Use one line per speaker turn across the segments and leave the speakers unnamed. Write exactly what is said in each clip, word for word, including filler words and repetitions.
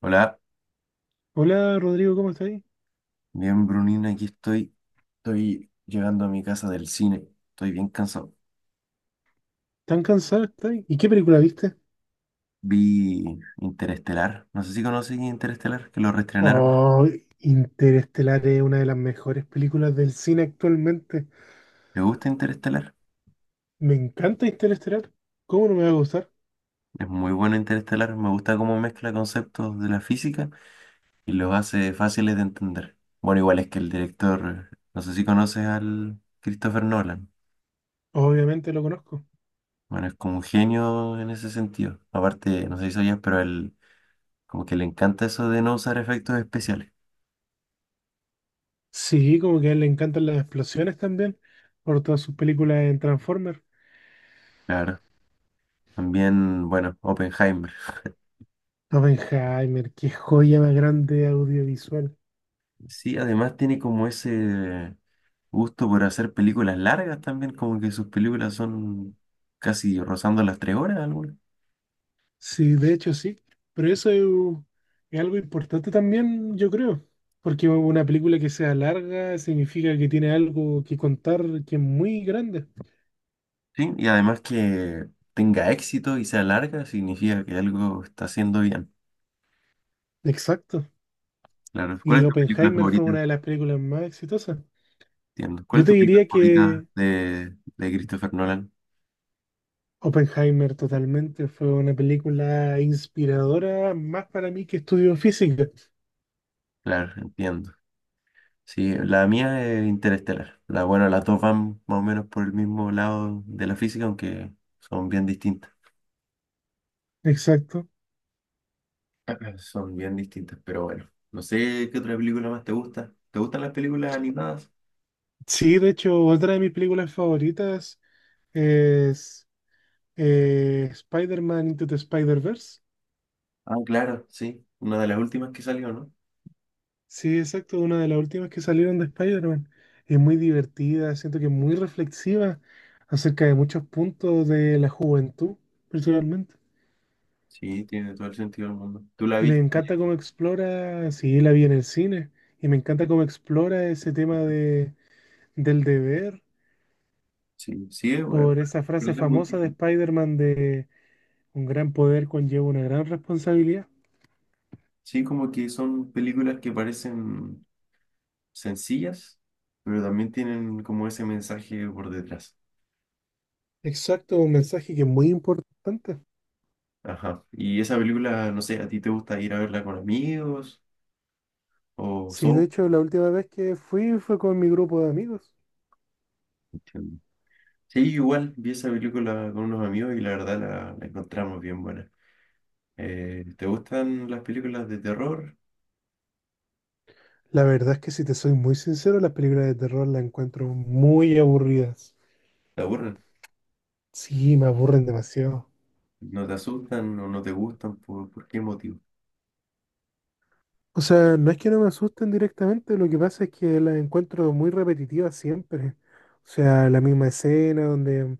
Hola,
Hola Rodrigo, ¿cómo estáis?
bien Brunina, aquí estoy. Estoy llegando a mi casa del cine. Estoy bien cansado.
¿Tan cansado estáis? ¿Y qué película viste?
Vi Interestelar. No sé si conoces Interestelar, que lo reestrenaron.
Oh, Interestelar es una de las mejores películas del cine actualmente.
¿Te gusta Interestelar?
Me encanta Interestelar. ¿Cómo no me va a gustar?
Es muy bueno Interestelar. Me gusta cómo mezcla conceptos de la física y los hace fáciles de entender. Bueno, igual es que el director, no sé si conoces al Christopher Nolan.
Obviamente lo conozco.
Bueno, es como un genio en ese sentido. Aparte, no sé si sabías, pero a él como que le encanta eso de no usar efectos especiales.
Sí, como que a él le encantan las explosiones también, por todas sus películas en Transformers.
Claro. También, bueno, Oppenheimer.
Oppenheimer, qué joya más grande audiovisual.
Sí, además tiene como ese gusto por hacer películas largas también, como que sus películas son casi rozando las tres horas algunas.
Sí, de hecho sí, pero eso es, es algo importante también, yo creo, porque una película que sea larga significa que tiene algo que contar que es muy grande.
Sí, y además que tenga éxito y sea larga significa que algo está haciendo bien.
Exacto.
Claro. ¿Cuál
Y
es tu película
Oppenheimer fue
favorita?
una de las películas más exitosas.
Entiendo. ¿Cuál
Yo
es
te
tu película
diría
favorita
que
de, de Christopher Nolan?
Oppenheimer totalmente fue una película inspiradora más para mí que estudio física.
Claro, entiendo. Sí, la mía es Interestelar. La, bueno, las dos van más o menos por el mismo lado de la física, aunque son bien distintas.
Exacto.
Son bien distintas, pero bueno. No sé qué otra película más te gusta. ¿Te gustan las películas animadas?
Sí, de hecho, otra de mis películas favoritas es eh, Spider-Man Into the Spider-Verse.
Ah, claro, sí. Una de las últimas que salió, ¿no?
Sí, exacto, una de las últimas que salieron de Spider-Man. Es muy divertida, siento que es muy reflexiva acerca de muchos puntos de la juventud, personalmente.
Sí, tiene todo el sentido del mundo. ¿Tú la
Y me
viste?
encanta cómo explora, sí, la vi en el cine, y me encanta cómo explora ese tema de, del deber,
Sí, sí, es bueno,
por esa
pero
frase
es muy
famosa de
difícil.
Spider-Man de un gran poder conlleva una gran responsabilidad.
Sí, como que son películas que parecen sencillas, pero también tienen como ese mensaje por detrás.
Exacto, un mensaje que es muy importante.
Ajá. Y esa película, no sé, ¿a ti te gusta ir a verla con amigos o
Sí, de
solo?
hecho, la última vez que fui fue con mi grupo de amigos.
Entiendo. Sí, igual vi esa película con unos amigos y la verdad la, la encontramos bien buena. Eh, ¿te gustan las películas de terror?
La verdad es que si te soy muy sincero, las películas de terror las encuentro muy aburridas.
¿Te aburren?
Sí, me aburren demasiado.
¿No te asustan o no te gustan? ¿Por, por qué motivo?
O sea, no es que no me asusten directamente, lo que pasa es que las encuentro muy repetitivas siempre. O sea, la misma escena donde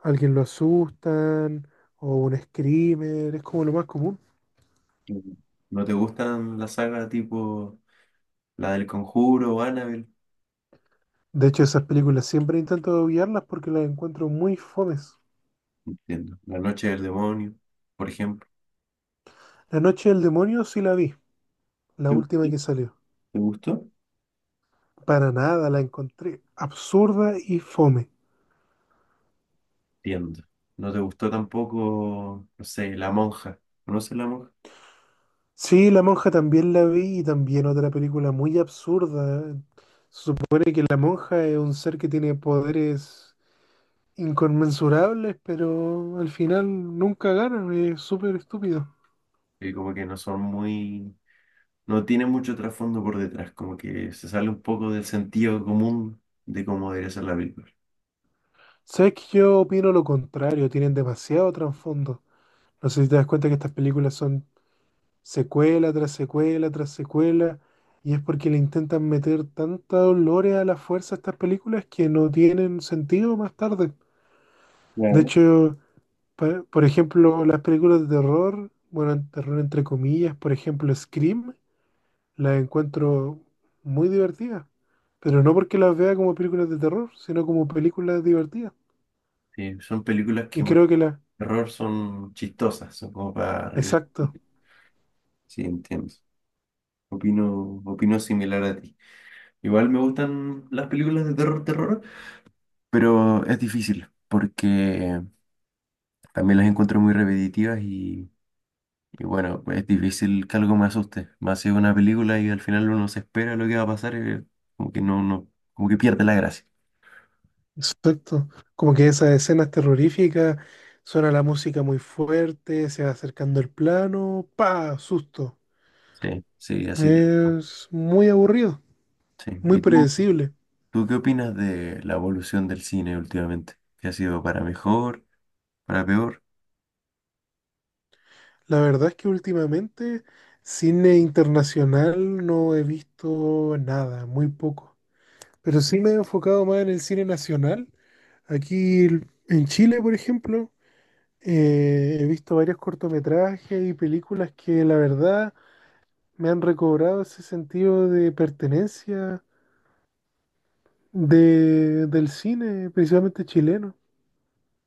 alguien lo asustan o un screamer, es como lo más común.
Mm. ¿No te gustan las sagas tipo la del Conjuro o Annabelle?
De hecho, esas películas siempre intento obviarlas porque las encuentro muy fomes.
Entiendo. La Noche del Demonio, por ejemplo.
La Noche del Demonio sí la vi, la
¿Te gustó?
última que salió.
¿Te gustó?
Para nada, la encontré absurda y fome.
Entiendo. ¿No te gustó tampoco, no sé, La Monja? ¿Conoces La Monja?
Sí, La Monja también la vi y también otra película muy absurda. ¿Eh? Se supone que la monja es un ser que tiene poderes inconmensurables, pero al final nunca gana, es súper estúpido.
Que como que no son muy... No tiene mucho trasfondo por detrás, como que se sale un poco del sentido común de cómo debería ser la película.
Sabes que yo opino lo contrario, tienen demasiado trasfondo. No sé si te das cuenta que estas películas son secuela tras secuela tras secuela, y es porque le intentan meter tanta dolores a la fuerza a estas películas que no tienen sentido más tarde. De
Claro.
hecho, Por, por ejemplo, las películas de terror, bueno, terror entre comillas, por ejemplo, Scream, las encuentro muy divertidas, pero no porque las vea como películas de terror, sino como películas divertidas.
Sí, son películas que
Y creo que las,
terror son chistosas, son como para reír.
exacto,
Sí, entiendo. Opino, opino similar a ti. Igual me gustan las películas de terror, terror, pero es difícil porque también las encuentro muy repetitivas y, y bueno, pues es difícil que algo me asuste. Más si es una película y al final uno se espera lo que va a pasar y como que no, no, como que pierde la gracia.
exacto, como que esas escenas terroríficas, suena la música muy fuerte, se va acercando el plano, pa, susto.
Sí, sí, así de.
Es muy aburrido,
Sí.
muy
¿Y tú,
predecible.
tú qué opinas de la evolución del cine últimamente? ¿Qué ha sido para mejor, para peor?
La verdad es que últimamente cine internacional no he visto nada, muy poco. Pero sí me he enfocado más en el cine nacional. Aquí l- en Chile, por ejemplo, eh, he visto varios cortometrajes y películas que la verdad me han recobrado ese sentido de pertenencia de- del cine, principalmente chileno.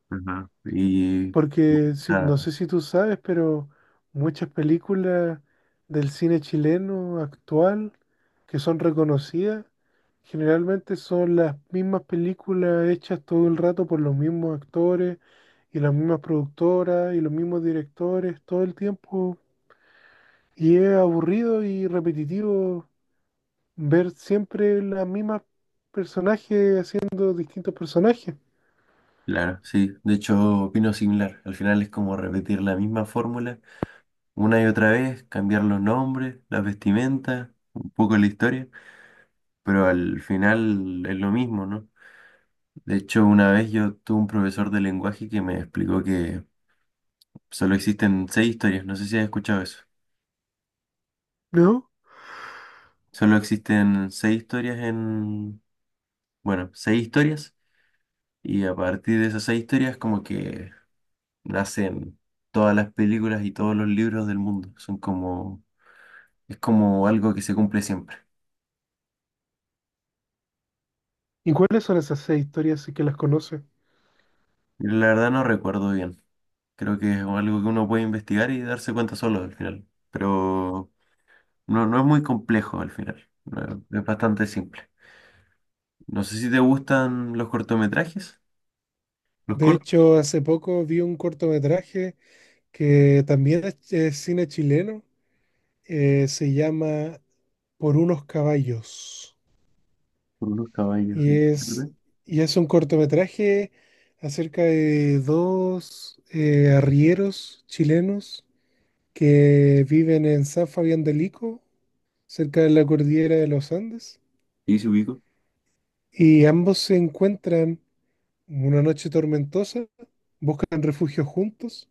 Ajá. Y
Porque si-
ah,
no sé si tú sabes, pero muchas películas del cine chileno actual que son reconocidas, generalmente son las mismas películas hechas todo el rato por los mismos actores y las mismas productoras y los mismos directores todo el tiempo. Y es aburrido y repetitivo ver siempre las mismas personajes haciendo distintos personajes,
claro, sí. De hecho, opino similar. Al final es como repetir la misma fórmula una y otra vez, cambiar los nombres, las vestimentas, un poco la historia, pero al final es lo mismo, ¿no? De hecho, una vez yo tuve un profesor de lenguaje que me explicó que solo existen seis historias. No sé si has escuchado eso.
¿no?
Solo existen seis historias en, bueno, seis historias. Y a partir de esas seis historias, como que nacen todas las películas y todos los libros del mundo. Son como, es como algo que se cumple siempre.
¿Y cuáles son esas seis historias si que las conoces?
Y la verdad no recuerdo bien. Creo que es algo que uno puede investigar y darse cuenta solo al final. Pero no, no es muy complejo al final. No, es bastante simple. No sé si te gustan los cortometrajes. Los
De
cortos
hecho, hace poco vi un cortometraje que también es, es cine chileno. eh, se llama Por unos caballos.
por unos caballos.
Y
¿Eh?
es,
¿Verdad?
y es un cortometraje acerca de dos eh, arrieros chilenos que viven en San Fabián del Ico, cerca de la cordillera de los Andes.
Sí, se ubico.
Y ambos se encuentran una noche tormentosa, buscan refugio juntos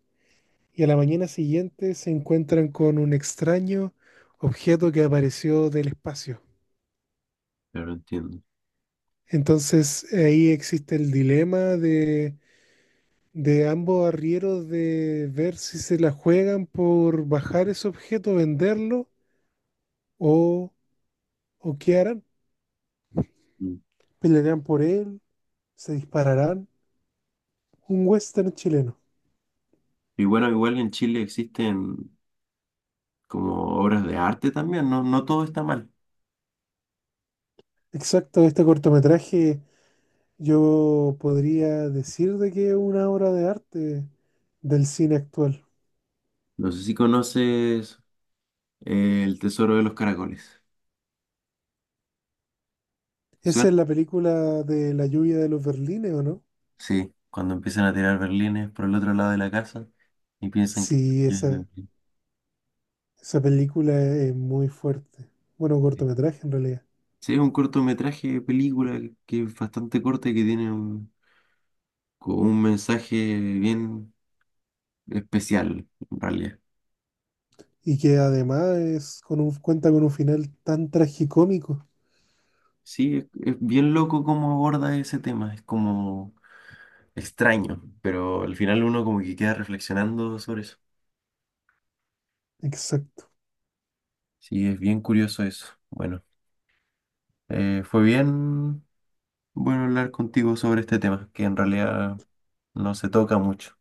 y a la mañana siguiente se encuentran con un extraño objeto que apareció del espacio.
Pero no entiendo.
Entonces ahí existe el dilema de, de ambos arrieros de ver si se la juegan por bajar ese objeto, venderlo o, o qué harán.
Mm.
¿Pelearán por él? ¿Se dispararán? Un western chileno.
Y bueno, igual en Chile existen como obras de arte también. No, no todo está mal.
Exacto, este cortometraje yo podría decir de que es una obra de arte del cine actual.
No sé si conoces El tesoro de los caracoles. ¿Te
Esa
suena?
es la película de la lluvia de los Berlines, ¿o no?
Sí, cuando empiezan a tirar berlines por el otro lado de la casa y piensan que...
Sí, esa,
Sí,
esa película es muy fuerte. Bueno, un cortometraje en realidad.
sí, es un cortometraje de película que es bastante corta y que tiene un, como un mensaje bien especial, en realidad.
Y que además es con un, cuenta con un final tan tragicómico.
Sí, es, es bien loco cómo aborda ese tema, es como extraño, pero al final uno como que queda reflexionando sobre eso.
Exacto.
Sí, es bien curioso eso. Bueno, eh, fue bien. Bueno, hablar contigo sobre este tema, que en realidad no se toca mucho.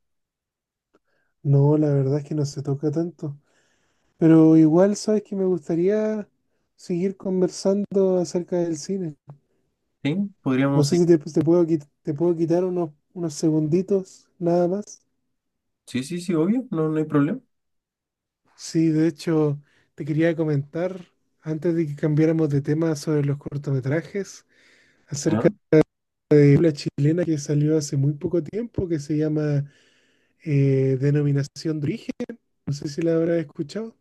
No, la verdad es que no se toca tanto. Pero igual, sabes que me gustaría seguir conversando acerca del cine.
¿Sí?
No
¿Podríamos
sé si
seguir?
te, te puedo, qui- te puedo quitar unos, unos segunditos, nada más.
Sí, sí, sí, obvio, no, no hay problema.
Sí, de hecho, te quería comentar, antes de que cambiáramos de tema sobre los cortometrajes, acerca
Ah,
de una chilena que salió hace muy poco tiempo, que se llama eh, Denominación de Origen, no sé si la habrás escuchado,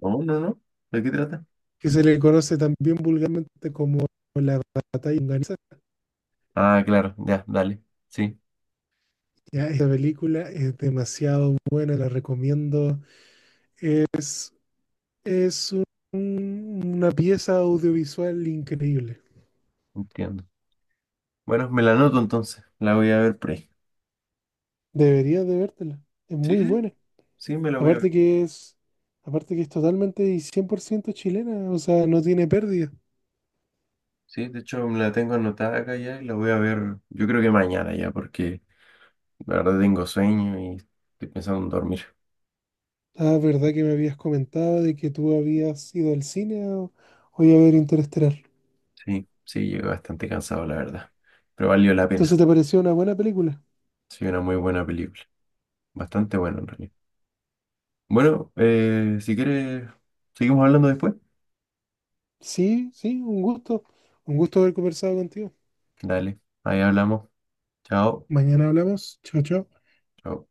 no, no, no. ¿De qué trata?
que se le conoce también vulgarmente como La Batalla Unganesa.
Ah, claro, ya, dale. Sí,
Ya, esta película es demasiado buena, la recomiendo. Es, es un- una pieza audiovisual increíble.
entiendo. Bueno, me la anoto entonces, la voy a ver por ahí.
Deberías de vértela, es
Sí,
muy
sí,
buena.
sí, me la voy a ver.
Aparte que es, aparte que es totalmente y cien por ciento chilena, o sea, no tiene pérdida.
Sí, de hecho me la tengo anotada acá ya y la voy a ver, yo creo que mañana ya, porque la verdad tengo sueño y estoy pensando en dormir.
La verdad que me habías comentado de que tú habías ido al cine o, o iba a ver Interestelar.
Sí, sí, llego bastante cansado, la verdad, pero valió la pena.
Entonces, ¿te pareció una buena película?
Sí, una muy buena película. Bastante bueno en realidad. Bueno, eh, si quieres, seguimos hablando después.
Sí, sí, un gusto. Un gusto haber conversado contigo.
Dale, ahí hablamos. Chao.
Mañana hablamos. Chao, chao.
Chao.